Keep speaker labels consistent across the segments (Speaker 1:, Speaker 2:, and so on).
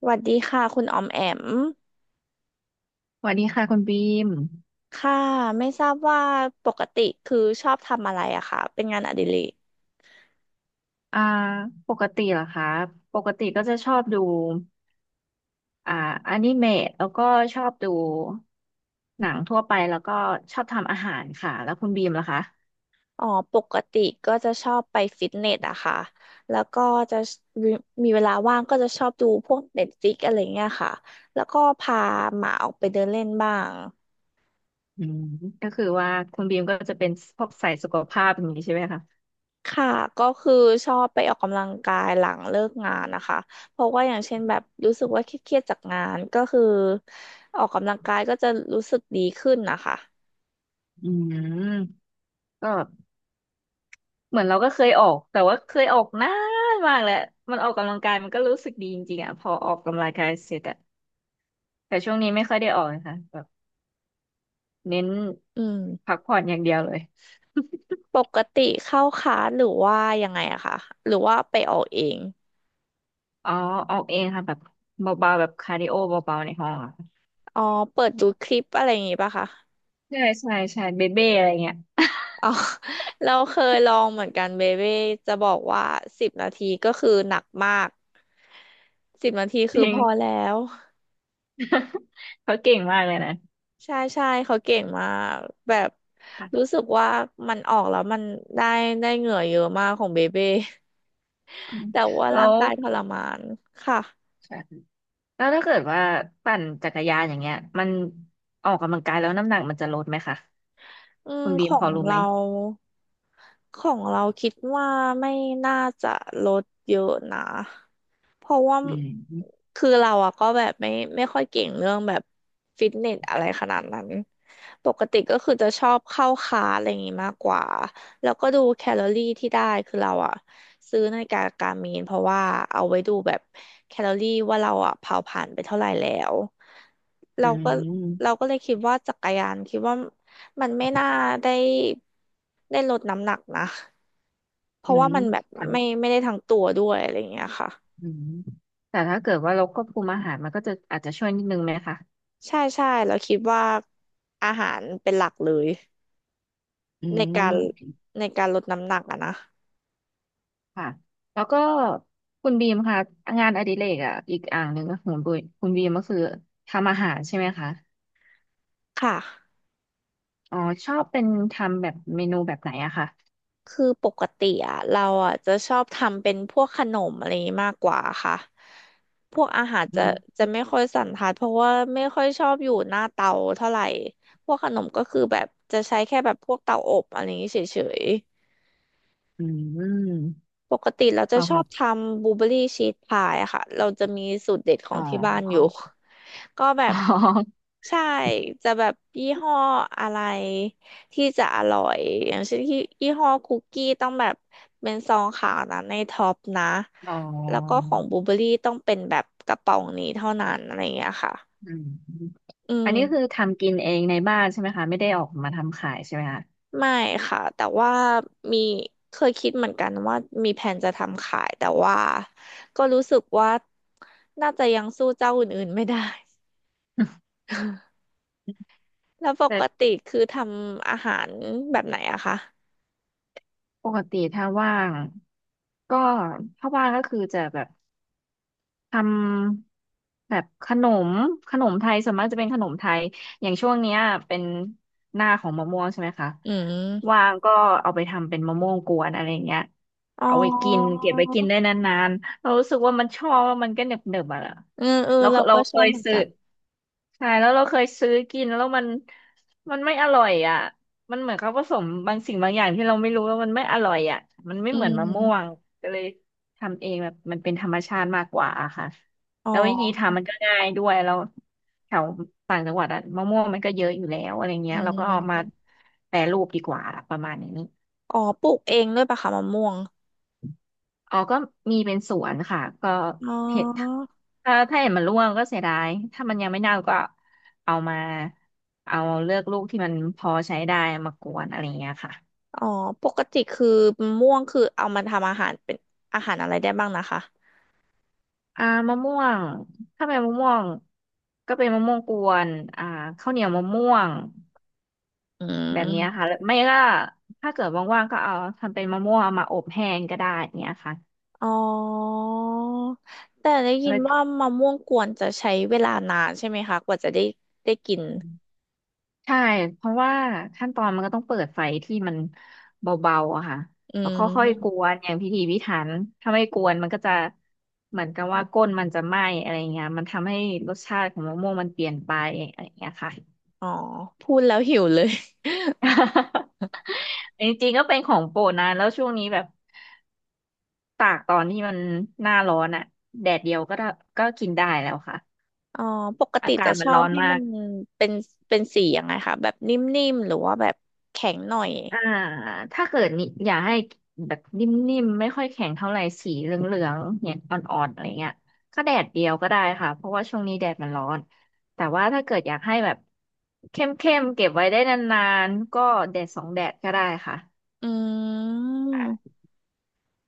Speaker 1: สวัสดีค่ะคุณออมแอม
Speaker 2: สวัสดีค่ะคุณบีม
Speaker 1: ค่ะไม่ทราบว่าปกติคือชอบทำอะไรอะค่ะเป็นงานอดิเรก
Speaker 2: อ่าปกติเหรอคะปกติก็จะชอบดูอ่าอนิเมะแล้วก็ชอบดูหนังทั่วไปแล้วก็ชอบทำอาหารค่ะแล้วคุณบีมล่ะคะ
Speaker 1: อ๋อปกติก็จะชอบไปฟิตเนสอะค่ะแล้วก็จะมีเวลาว่างก็จะชอบดูพวกเน็ตฟ i ิกอะไรเงี้ยค่ะแล้วก็พาหมาออกไปเดินเล่นบ้าง
Speaker 2: อืมก็คือว่าคุณบีมก็จะเป็นพวกสายสุขภาพอย่างนี้ใช่ไหมคะ
Speaker 1: ค่ะก็คือชอบไปออกกำลังกายหลังเลิกงานนะคะเพราะว่าอย่างเช่นแบบรู้สึกว่าเครียดๆจากงานก็คือออกกำลังกายก็จะรู้สึกดีขึ้นนะคะ
Speaker 2: อืมก็เหมือนเราก็เคยออกแต่ว่าเคยออกนานมากแล้วมันออกกำลังกายมันก็รู้สึกดีจริงๆอ่ะพอออกกำลังกายเสร็จอะแต่ช่วงนี้ไม่ค่อยได้ออกนะคะแบบเน้น
Speaker 1: อืม
Speaker 2: พักผ่อนอย่างเดียวเลย
Speaker 1: ปกติเข้าคลาสหรือว่ายังไงอะคะหรือว่าไปออกเอง
Speaker 2: อ๋อออกเองค่ะแบบเบาๆแบบคาร์ดิโอเบาๆในห้องอะ
Speaker 1: อ๋อเปิดดูคลิปอะไรอย่างงี้ป่ะคะ
Speaker 2: ใช่ใช่ใช่เบเบ้อะไรเงี้ย
Speaker 1: อ๋อ เราเคยลองเหมือนกันเบเบ้จะบอกว่าสิบนาทีก็คือหนักมากสิบนาที
Speaker 2: จ
Speaker 1: คือ
Speaker 2: ริ
Speaker 1: พ
Speaker 2: ง
Speaker 1: อแล้ว
Speaker 2: เขาเก่งมากเลยนะ
Speaker 1: ใช่ใช่เขาเก่งมากแบบรู้
Speaker 2: ค่ะ
Speaker 1: สึกว่ามันออกแล้วมันได้ได้เหงื่อเยอะมากของเบเบ้
Speaker 2: อืม
Speaker 1: แต่ว่า
Speaker 2: แล้
Speaker 1: ร่าง
Speaker 2: ว
Speaker 1: กายทรมานค่ะ
Speaker 2: ค่ะแล้วถ้าเกิดว่าปั่นจักรยานอย่างเงี้ยมันออกกำลังกายแล้วน้ำหนักมันจะลดไหมคะ
Speaker 1: อืม
Speaker 2: คุณบี
Speaker 1: ข
Speaker 2: ม
Speaker 1: อ
Speaker 2: พอ
Speaker 1: ง
Speaker 2: รู้ไหม
Speaker 1: เราของเราคิดว่าไม่น่าจะลดเยอะนะเพราะว่า
Speaker 2: อืม
Speaker 1: คือเราอะก็แบบไม่ค่อยเก่งเรื่องแบบฟิตเนสอะไรขนาดนั้นปกติก็คือจะชอบเข้าคลาสอะไรอย่างงี้มากกว่าแล้วก็ดูแคลอรี่ที่ได้คือเราอะซื้อนาฬิกาการ์มีนเพราะว่าเอาไว้ดูแบบแคลอรี่ว่าเราอะเผาผ่านไปเท่าไหร่แล้ว
Speaker 2: อื
Speaker 1: เราก็เรา
Speaker 2: ม
Speaker 1: ก็เลยคิดว่าจักรยานคิดว่า มันไม่น่าได้ลดน้ำหนักนะเพ
Speaker 2: อื
Speaker 1: ราะว่า
Speaker 2: ม
Speaker 1: มันแบบ
Speaker 2: แต่
Speaker 1: ไม่ได้ทั้งตัวด้วยอะไรอย่างเงี้ยค่ะ
Speaker 2: อืมแต่ถ้าเกิดว่าเราควบคุมอาหารมันก็จะอาจจะช่วยนิดนึงไหมคะ
Speaker 1: ใช่ใช่เราคิดว่าอาหารเป็นหลักเลย
Speaker 2: อื
Speaker 1: ในการ
Speaker 2: ม
Speaker 1: ในการลดน้ำหนักอะนะ
Speaker 2: ค่ะแล้วก็คุณบีมค่ะงานอดิเรกอ่ะอีกอ่างหนึ่งก็ของคุณบีคุณบีมก็คือทำอาหารใช่ไหมคะ
Speaker 1: ค่ะ
Speaker 2: อ๋อชอบเป็นทำแบบเมนูแบบไหนอะค่ะ
Speaker 1: คือปกติอะเราอะจะชอบทำเป็นพวกขนมอะไรอย่างงี้มากกว่าค่ะพวกอาหาร
Speaker 2: อื
Speaker 1: จะ
Speaker 2: ม
Speaker 1: จะไม่ค่อยสันทัดเพราะว่าไม่ค่อยชอบอยู่หน้าเตาเท่าไหร่พวกขนมก็คือแบบจะใช้แค่แบบพวกเตาอบอะไรอย่างงี้เฉย
Speaker 2: อืม
Speaker 1: ปกติเราจะช
Speaker 2: สำห
Speaker 1: อ
Speaker 2: รั
Speaker 1: บ
Speaker 2: บ
Speaker 1: ทำบลูเบอรี่ชีสพายอะค่ะเราจะมีสูตรเด็ดขอ
Speaker 2: อ๋อ
Speaker 1: งที่บ้านอยู่ ก็แบ
Speaker 2: อ๋
Speaker 1: บ
Speaker 2: อ
Speaker 1: ใช่จะแบบยี่ห้ออะไรที่จะอร่อยอย่างเช่นที่ยี่ห้อคุกกี้ต้องแบบเป็นซองขาวนะในท็อปนะ
Speaker 2: อ๋
Speaker 1: แล้วก็
Speaker 2: อ
Speaker 1: ของบลูเบอรี่ต้องเป็นแบบกระป๋องนี้เท่านั้นอะไรอย่างเงี้ยค่ะ
Speaker 2: อืม
Speaker 1: อื
Speaker 2: อัน
Speaker 1: ม
Speaker 2: นี้คือทำกินเองในบ้านใช่ไหมคะไม่ได้ออกมาทำขายใช่ไหมคะ
Speaker 1: ไม่ค่ะแต่ว่ามีเคยคิดเหมือนกันว่ามีแผนจะทำขายแต่ว่าก็รู้สึกว่าน่าจะยังสู้เจ้าอื่นๆไม่ได้ แล้วป
Speaker 2: แต่
Speaker 1: กติคือทำอาหารแบบไหนอะคะ
Speaker 2: ปกติถ้าว่างก็ถ้าว่างก็คือจะแบบ ทำแบบขนมขนมไทยส่วนมากจะเป็นขนมไทยอย่างช่วงเนี้ยเป็นหน้าของมะม่วงใช่ไหมคะ
Speaker 1: อืม
Speaker 2: ว่างก็เอาไปทำเป็นมะม่วงกวนอะไรเงี้ย
Speaker 1: อ๋
Speaker 2: เอาไว้กิน
Speaker 1: อ
Speaker 2: เก็บไว้กินได้นานๆเรารู้สึกว่ามันชอบแล้วมันก็เนึบๆอ่ะ
Speaker 1: เออเออ
Speaker 2: เรา
Speaker 1: เรา
Speaker 2: เรา
Speaker 1: ก็ช
Speaker 2: เค
Speaker 1: อบ
Speaker 2: ย
Speaker 1: เหมือน
Speaker 2: ซื้อ
Speaker 1: กัน
Speaker 2: ใช่แล้วเราเคยซื้อกินแล้วมันไม่อร่อยอ่ะมันเหมือนเขาผสมบางสิ่งบางอย่างที่เราไม่รู้แล้วมันไม่อร่อยอ่ะมันไม่
Speaker 1: อื
Speaker 2: เหมือนมะม่ว
Speaker 1: ม
Speaker 2: งก็เลย ทำเองแบบมันเป็นธรรมชาติมากกว่าอะค่ะ
Speaker 1: อ๋
Speaker 2: แล้ววิธี
Speaker 1: อ
Speaker 2: ทำมันก็ง่ายด้วยแล้วแถวต่างจังหวัดอะมะม่วงมันก็เยอะอยู่แล้วอะไร
Speaker 1: อื
Speaker 2: เงี้ยเราก็เอามา
Speaker 1: ม
Speaker 2: แปรรูปดีกว่าประมาณนี้
Speaker 1: อ๋อปลูกเองด้วยปะคะมะม่วง
Speaker 2: อ๋อก็มีเป็นสวนค่ะก็
Speaker 1: อ๋
Speaker 2: เห็ด
Speaker 1: อ
Speaker 2: ถ้าเห็ดมันร่วงก็เสียดายถ้ามันยังไม่เน่าก็เอามาเอาเลือกลูกที่มันพอใช้ได้มากวนอะไรเงี้ยค่ะ
Speaker 1: อ๋อปกติคือมะม่วงคือเอามาทำอาหารเป็นอาหารอะไรได้บ้างนะคะ
Speaker 2: มะม่วงถ้าเป็นมะม่วงก็เป็นมะม่วงกวนอ่าข้าวเหนียวมะม่วง
Speaker 1: อื
Speaker 2: แบบเนี้ย
Speaker 1: ม
Speaker 2: ค่ะหรือไม่ก็ถ้าเกิดว่างๆก็เอาทำเป็นมะม่วงเอามาอบแห้งก็ได้เนี้ยค่ะ
Speaker 1: อ๋อ แต่ได้ยิ
Speaker 2: แล้
Speaker 1: น
Speaker 2: ว
Speaker 1: ว่ามะม่วงกวนจะใช้เวลานานใช่ไหมคะกว่าจะได้กิน
Speaker 2: ใช่เพราะว่าขั้นตอนมันก็ต้องเปิดไฟที่มันเบาๆอะค่ะ
Speaker 1: อื
Speaker 2: แล้วค่อยๆก
Speaker 1: ม
Speaker 2: วนอย่างพิถีพิถันถ้าไม่กวนมันก็จะเหมือนกับว่าก้นมันจะไหม้อะไรเงี้ยมันทำให้รสชาติของมะม่วงมันเปลี่ยนไปอะไรเงี้ยค่ะ
Speaker 1: อ๋อ พูดแล้วหิวเลย
Speaker 2: จริงๆก็เป็นของโปรดนะแล้วช่วงนี้แบบตากตอนที่มันหน้าร้อนอะแดดเดียวก็ได้ก็กินได้แล้วค่ะ
Speaker 1: อ๋อ ปกติ
Speaker 2: อากา
Speaker 1: จะ
Speaker 2: ศ
Speaker 1: ช
Speaker 2: มัน
Speaker 1: อ
Speaker 2: ร้
Speaker 1: บ
Speaker 2: อน
Speaker 1: ให้
Speaker 2: มา
Speaker 1: มัน
Speaker 2: ก
Speaker 1: เป็นเป็นสียังไงคะแบบนิ่มๆหรือว่าแบบแข็งหน่อย
Speaker 2: อ่าถ้าเกิดนี่อยากให้แบบนิ่มๆไม่ค่อยแข็งเท่าไหร่สีเหลืองๆเนี่ยอ่อนๆอะไรเงี้ยก็แดดเดียวก็ได้ค่ะเพราะว่าช่วงนี้แดดมันร้อน แต่ว่าถ้าเกิดอยากให้แบบเข้มๆเก็บไว้ได้นานๆก็แดดสองแดดก็ได้ค่ะ
Speaker 1: อืม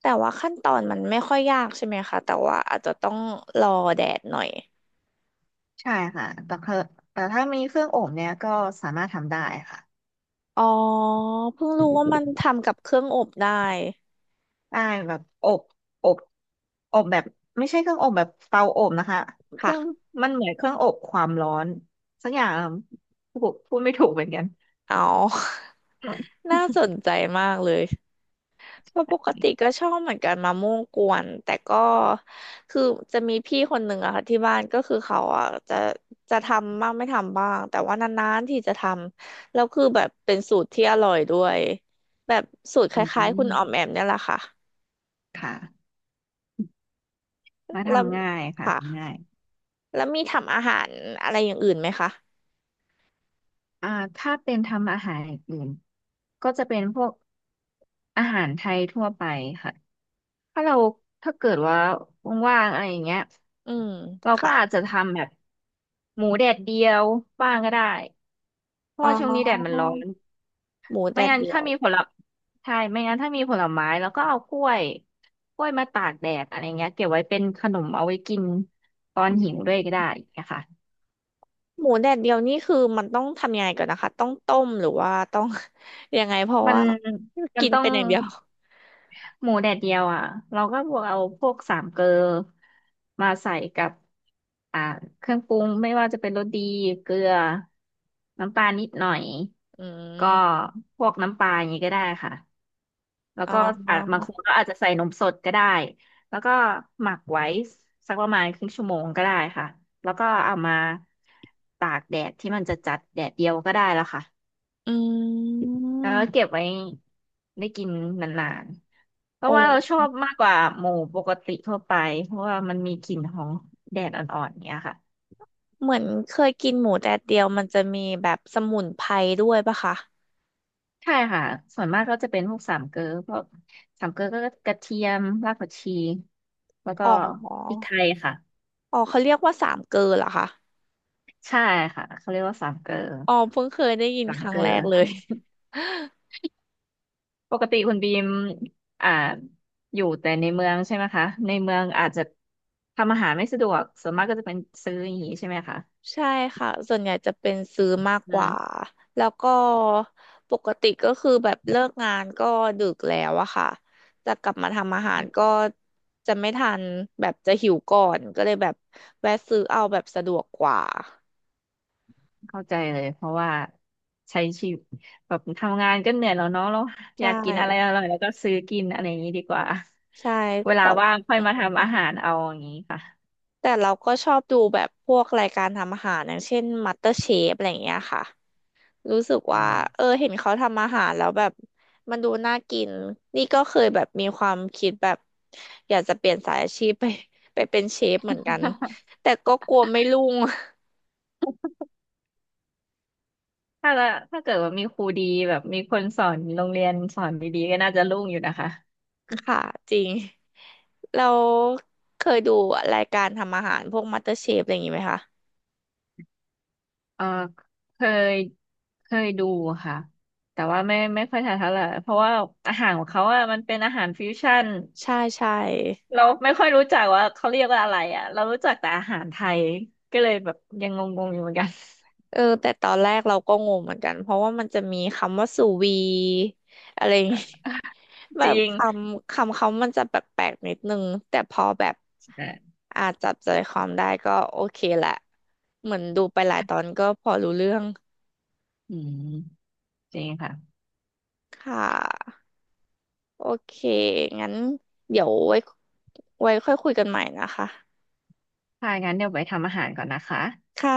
Speaker 1: แต่ว่าขั้นตอนมันไม่ค่อยยากใช่ไหมคะแต่ว่าอาจจะต้องรอแดดหน่อย
Speaker 2: ใช่ค่ะ แต่เธอแต่ถ้ามีเครื่องอบเนี่ยก็สามารถทำได้ค่ะ
Speaker 1: อ๋อ เพิ่งรู้ว่ามันทำกับเครื่องอบได้
Speaker 2: ใช่แบบอบอบอบแบบไม่ใช่เครื่องอบแบบเตาอบนะคะเครื่อง
Speaker 1: ค่ะ
Speaker 2: มันเหมือนเครื่องอบความร้อนสักอย่างพูดไม่ถูกเหมือนกัน
Speaker 1: อ๋อ น่าสนใจมากเลยเพราะปกติก็ชอบเหมือนกันมะม่วงกวนแต่ก็คือจะมีพี่คนหนึ่งอะค่ะที่บ้านก็คือเขาอะจะทำบ้างไม่ทำบ้างแต่ว่านานๆที่จะทำแล้วคือแบบเป็นสูตรที่อร่อยด้วยแบบสูตรค
Speaker 2: อื
Speaker 1: ล้ายๆคุณ
Speaker 2: ม
Speaker 1: ออมแอมเนี่ยแหละค่ะ
Speaker 2: ค่ะมา
Speaker 1: แล้ว
Speaker 2: ทำง่ายค่ะ
Speaker 1: ค่ะ
Speaker 2: ทำง่าย
Speaker 1: แล้วมีทำอาหารอะไรอย่างอื่นไหมคะ
Speaker 2: อ่าถ้าเป็นทำอาหารอย่างอื่นก็จะเป็นพวกอาหารไทยทั่วไปค่ะถ้าเราถ้าเกิดว่าว่างๆอะไรอย่างเงี้ย
Speaker 1: อืม
Speaker 2: เราก็
Speaker 1: ค่ะ
Speaker 2: อาจจะทำแบบหมูแดดเดียวบ้างก็ได้เพราะ
Speaker 1: อ๋
Speaker 2: ว่าช่วงนี้แดดมัน
Speaker 1: อ
Speaker 2: ร้อน
Speaker 1: หมูแด
Speaker 2: ไม่
Speaker 1: ด
Speaker 2: งั้น
Speaker 1: เดีย
Speaker 2: ถ้า
Speaker 1: ว
Speaker 2: มีผลใช่ไม่งั้นถ้ามีผลไม้แล้วก็เอากล้วยกล้วยมาตากแดดอะไรเงี้ยเก็บไว้เป็นขนมเอาไว้กินตอนหิวด้วยก็ได้อย่างเงี้ยค่ะ
Speaker 1: หมูแดดเดียวนี่คือมันต้องทำยังไงก่อนนะคะต้องต้มหรือว่า ต้อง ยังไงเพราะ
Speaker 2: มัน
Speaker 1: ว่ากิน
Speaker 2: ต้อง
Speaker 1: เป็นอย่างเดียว
Speaker 2: หมูแดดเดียวอ่ะเราก็บวกเอาพวกสามเกลอมาใส่กับอ่าเครื่องปรุงไม่ว่าจะเป็นรสดีเกลือน้ำตาลนิดหน่อย
Speaker 1: อื
Speaker 2: ก็
Speaker 1: ม
Speaker 2: พวกน้ำปลาอย่างนี้ก็ได้ค่ะแล้ว
Speaker 1: อ๋
Speaker 2: ก็อาจบาง
Speaker 1: อ
Speaker 2: คนก็อาจจะใส่นมสดก็ได้แล้วก็หมักไว้สักประมาณครึ่งชั่วโมงก็ได้ค่ะแล้วก็เอามาตากแดดที่มันจะจัดแดดเดียวก็ได้แล้วค่ะ
Speaker 1: อื
Speaker 2: แล้วก็เก็
Speaker 1: ม
Speaker 2: บไว้ได้กินนานๆเพ
Speaker 1: โอ
Speaker 2: ราะว่าเราช
Speaker 1: ้
Speaker 2: อบมากกว่าหมูปกติทั่วไปเพราะว่ามันมีกลิ่นของแดดอ่อนๆอย่างเนี้ยค่ะ
Speaker 1: เหมือนเคยกินหมูแดดเดียวมันจะมีแบบสมุนไพรด้วยปะคะ
Speaker 2: ใช่ค่ะส่วนมากก็จะเป็นพวกสามเกลอพวกสามเกลอก็กระเทียมรากผักชีแล้วก็
Speaker 1: อ๋
Speaker 2: พริ
Speaker 1: อ
Speaker 2: กไทยค่ะ
Speaker 1: อ๋อเขาเรียกว่าสามเกลอเหรอคะ
Speaker 2: ใช่ค่ะเขาเรียกว่าสามเกลอ
Speaker 1: อ๋อเพิ่งเคยได้ยิน
Speaker 2: สา
Speaker 1: ค
Speaker 2: ม
Speaker 1: รั้
Speaker 2: เก
Speaker 1: ง
Speaker 2: ล
Speaker 1: แรกเลย
Speaker 2: อปกติคุณบีมอ่าอยู่แต่ในเมืองใช่ไหมคะในเมืองอาจจะทำอาหารไม่สะดวกส่วนมากก็จะเป็นซื้ออย่างนี้ใช่ไหมคะ
Speaker 1: ใช่ค่ะส่วนใหญ่จะเป็นซื้อมาก
Speaker 2: อื
Speaker 1: กว่า
Speaker 2: ม
Speaker 1: แล้วก็ปกติก็คือแบบเลิกงานก็ดึกแล้วอะค่ะจะกลับมาทำอาหารก็จะไม่ทันแบบจะหิวก่อนก็เลยแบบแวะซื้อเอาแบบสะดวกกว่า
Speaker 2: เข้าใจเลยเพราะว่าใช้ชีวิตแบบทำงานก็เหนื่อยแล้วเนาะเราอ
Speaker 1: ใช่
Speaker 2: ยากกินอะไรอร่อยแล้วก็ซื้อกินอะไรอย่างนี้ดีกว่า
Speaker 1: ใช่
Speaker 2: เวลา
Speaker 1: แต่
Speaker 2: ว่างค่อย
Speaker 1: อื
Speaker 2: มา
Speaker 1: ม
Speaker 2: ทำอาหารเอาอย่างนี้ค่ะ
Speaker 1: แต่เราก็ชอบดูแบบพวกรายการทำอาหารอย่างเช่น MasterChef อะไรอย่างเงี้ยค่ะ รู้สึก
Speaker 2: อื
Speaker 1: ว่าเออ
Speaker 2: ม
Speaker 1: เห็นเขาทำอาหารแล้วแบบมันดูน่ากินนี่ก็เคยแบบมีความคิดแบบอยากจะเปลี่ยนสายอาชีพ ไปเป็นเชฟเหมือนกันแต่ก็กลัวไม่รุ่ง
Speaker 2: ถ้าละถ้าเกิดว่ามีครูดีแบบมีคนสอนโรงเรียนสอนดีๆก็น่าจะรุ่งอยู่นะคะ
Speaker 1: ค่ะจริงเราเคยดูรายการทำอาหารพวกมาสเตอร์เชฟอะไรอย่างนี้ไหมคะ
Speaker 2: เออเคยเคยดูค่ะแต่ว่าไม่ค่อยทันเท่าไหร่เพราะว่าอาหารของเขาอะมันเป็นอาหารฟิวชั่น
Speaker 1: ใช่ใช่
Speaker 2: เราไม่ค่อยรู้จักว่าเขาเรียกว่าอะไรอ่ะเรารู้จักแต่อาหารไทยก็เลยแบบยังงงๆอยู่เหมือนกัน
Speaker 1: เออแต่ตอนแรกเราก็งงเหมือนกันเพราะว่ามันจะมีคำว่าสูวีอะไรอย่างงี้ แบ
Speaker 2: จ
Speaker 1: บ
Speaker 2: ริง
Speaker 1: คำคำเขามันจะแปลกๆนิดนึงแต่พอแบบ
Speaker 2: เอ
Speaker 1: อาจจับใจความได้ก็โอเคแหละเหมือนดูไปหลายตอนก็พอรู้เรื่อง
Speaker 2: ออืมจริงค่ะ
Speaker 1: ค่ะโอเคงั้นเดี๋ยวไว้ไว้ค่อยคุยกันใหม่นะคะ
Speaker 2: ถ้างั้นเดี๋ยวไปทำอาหารก่อนนะคะ
Speaker 1: ค่ะ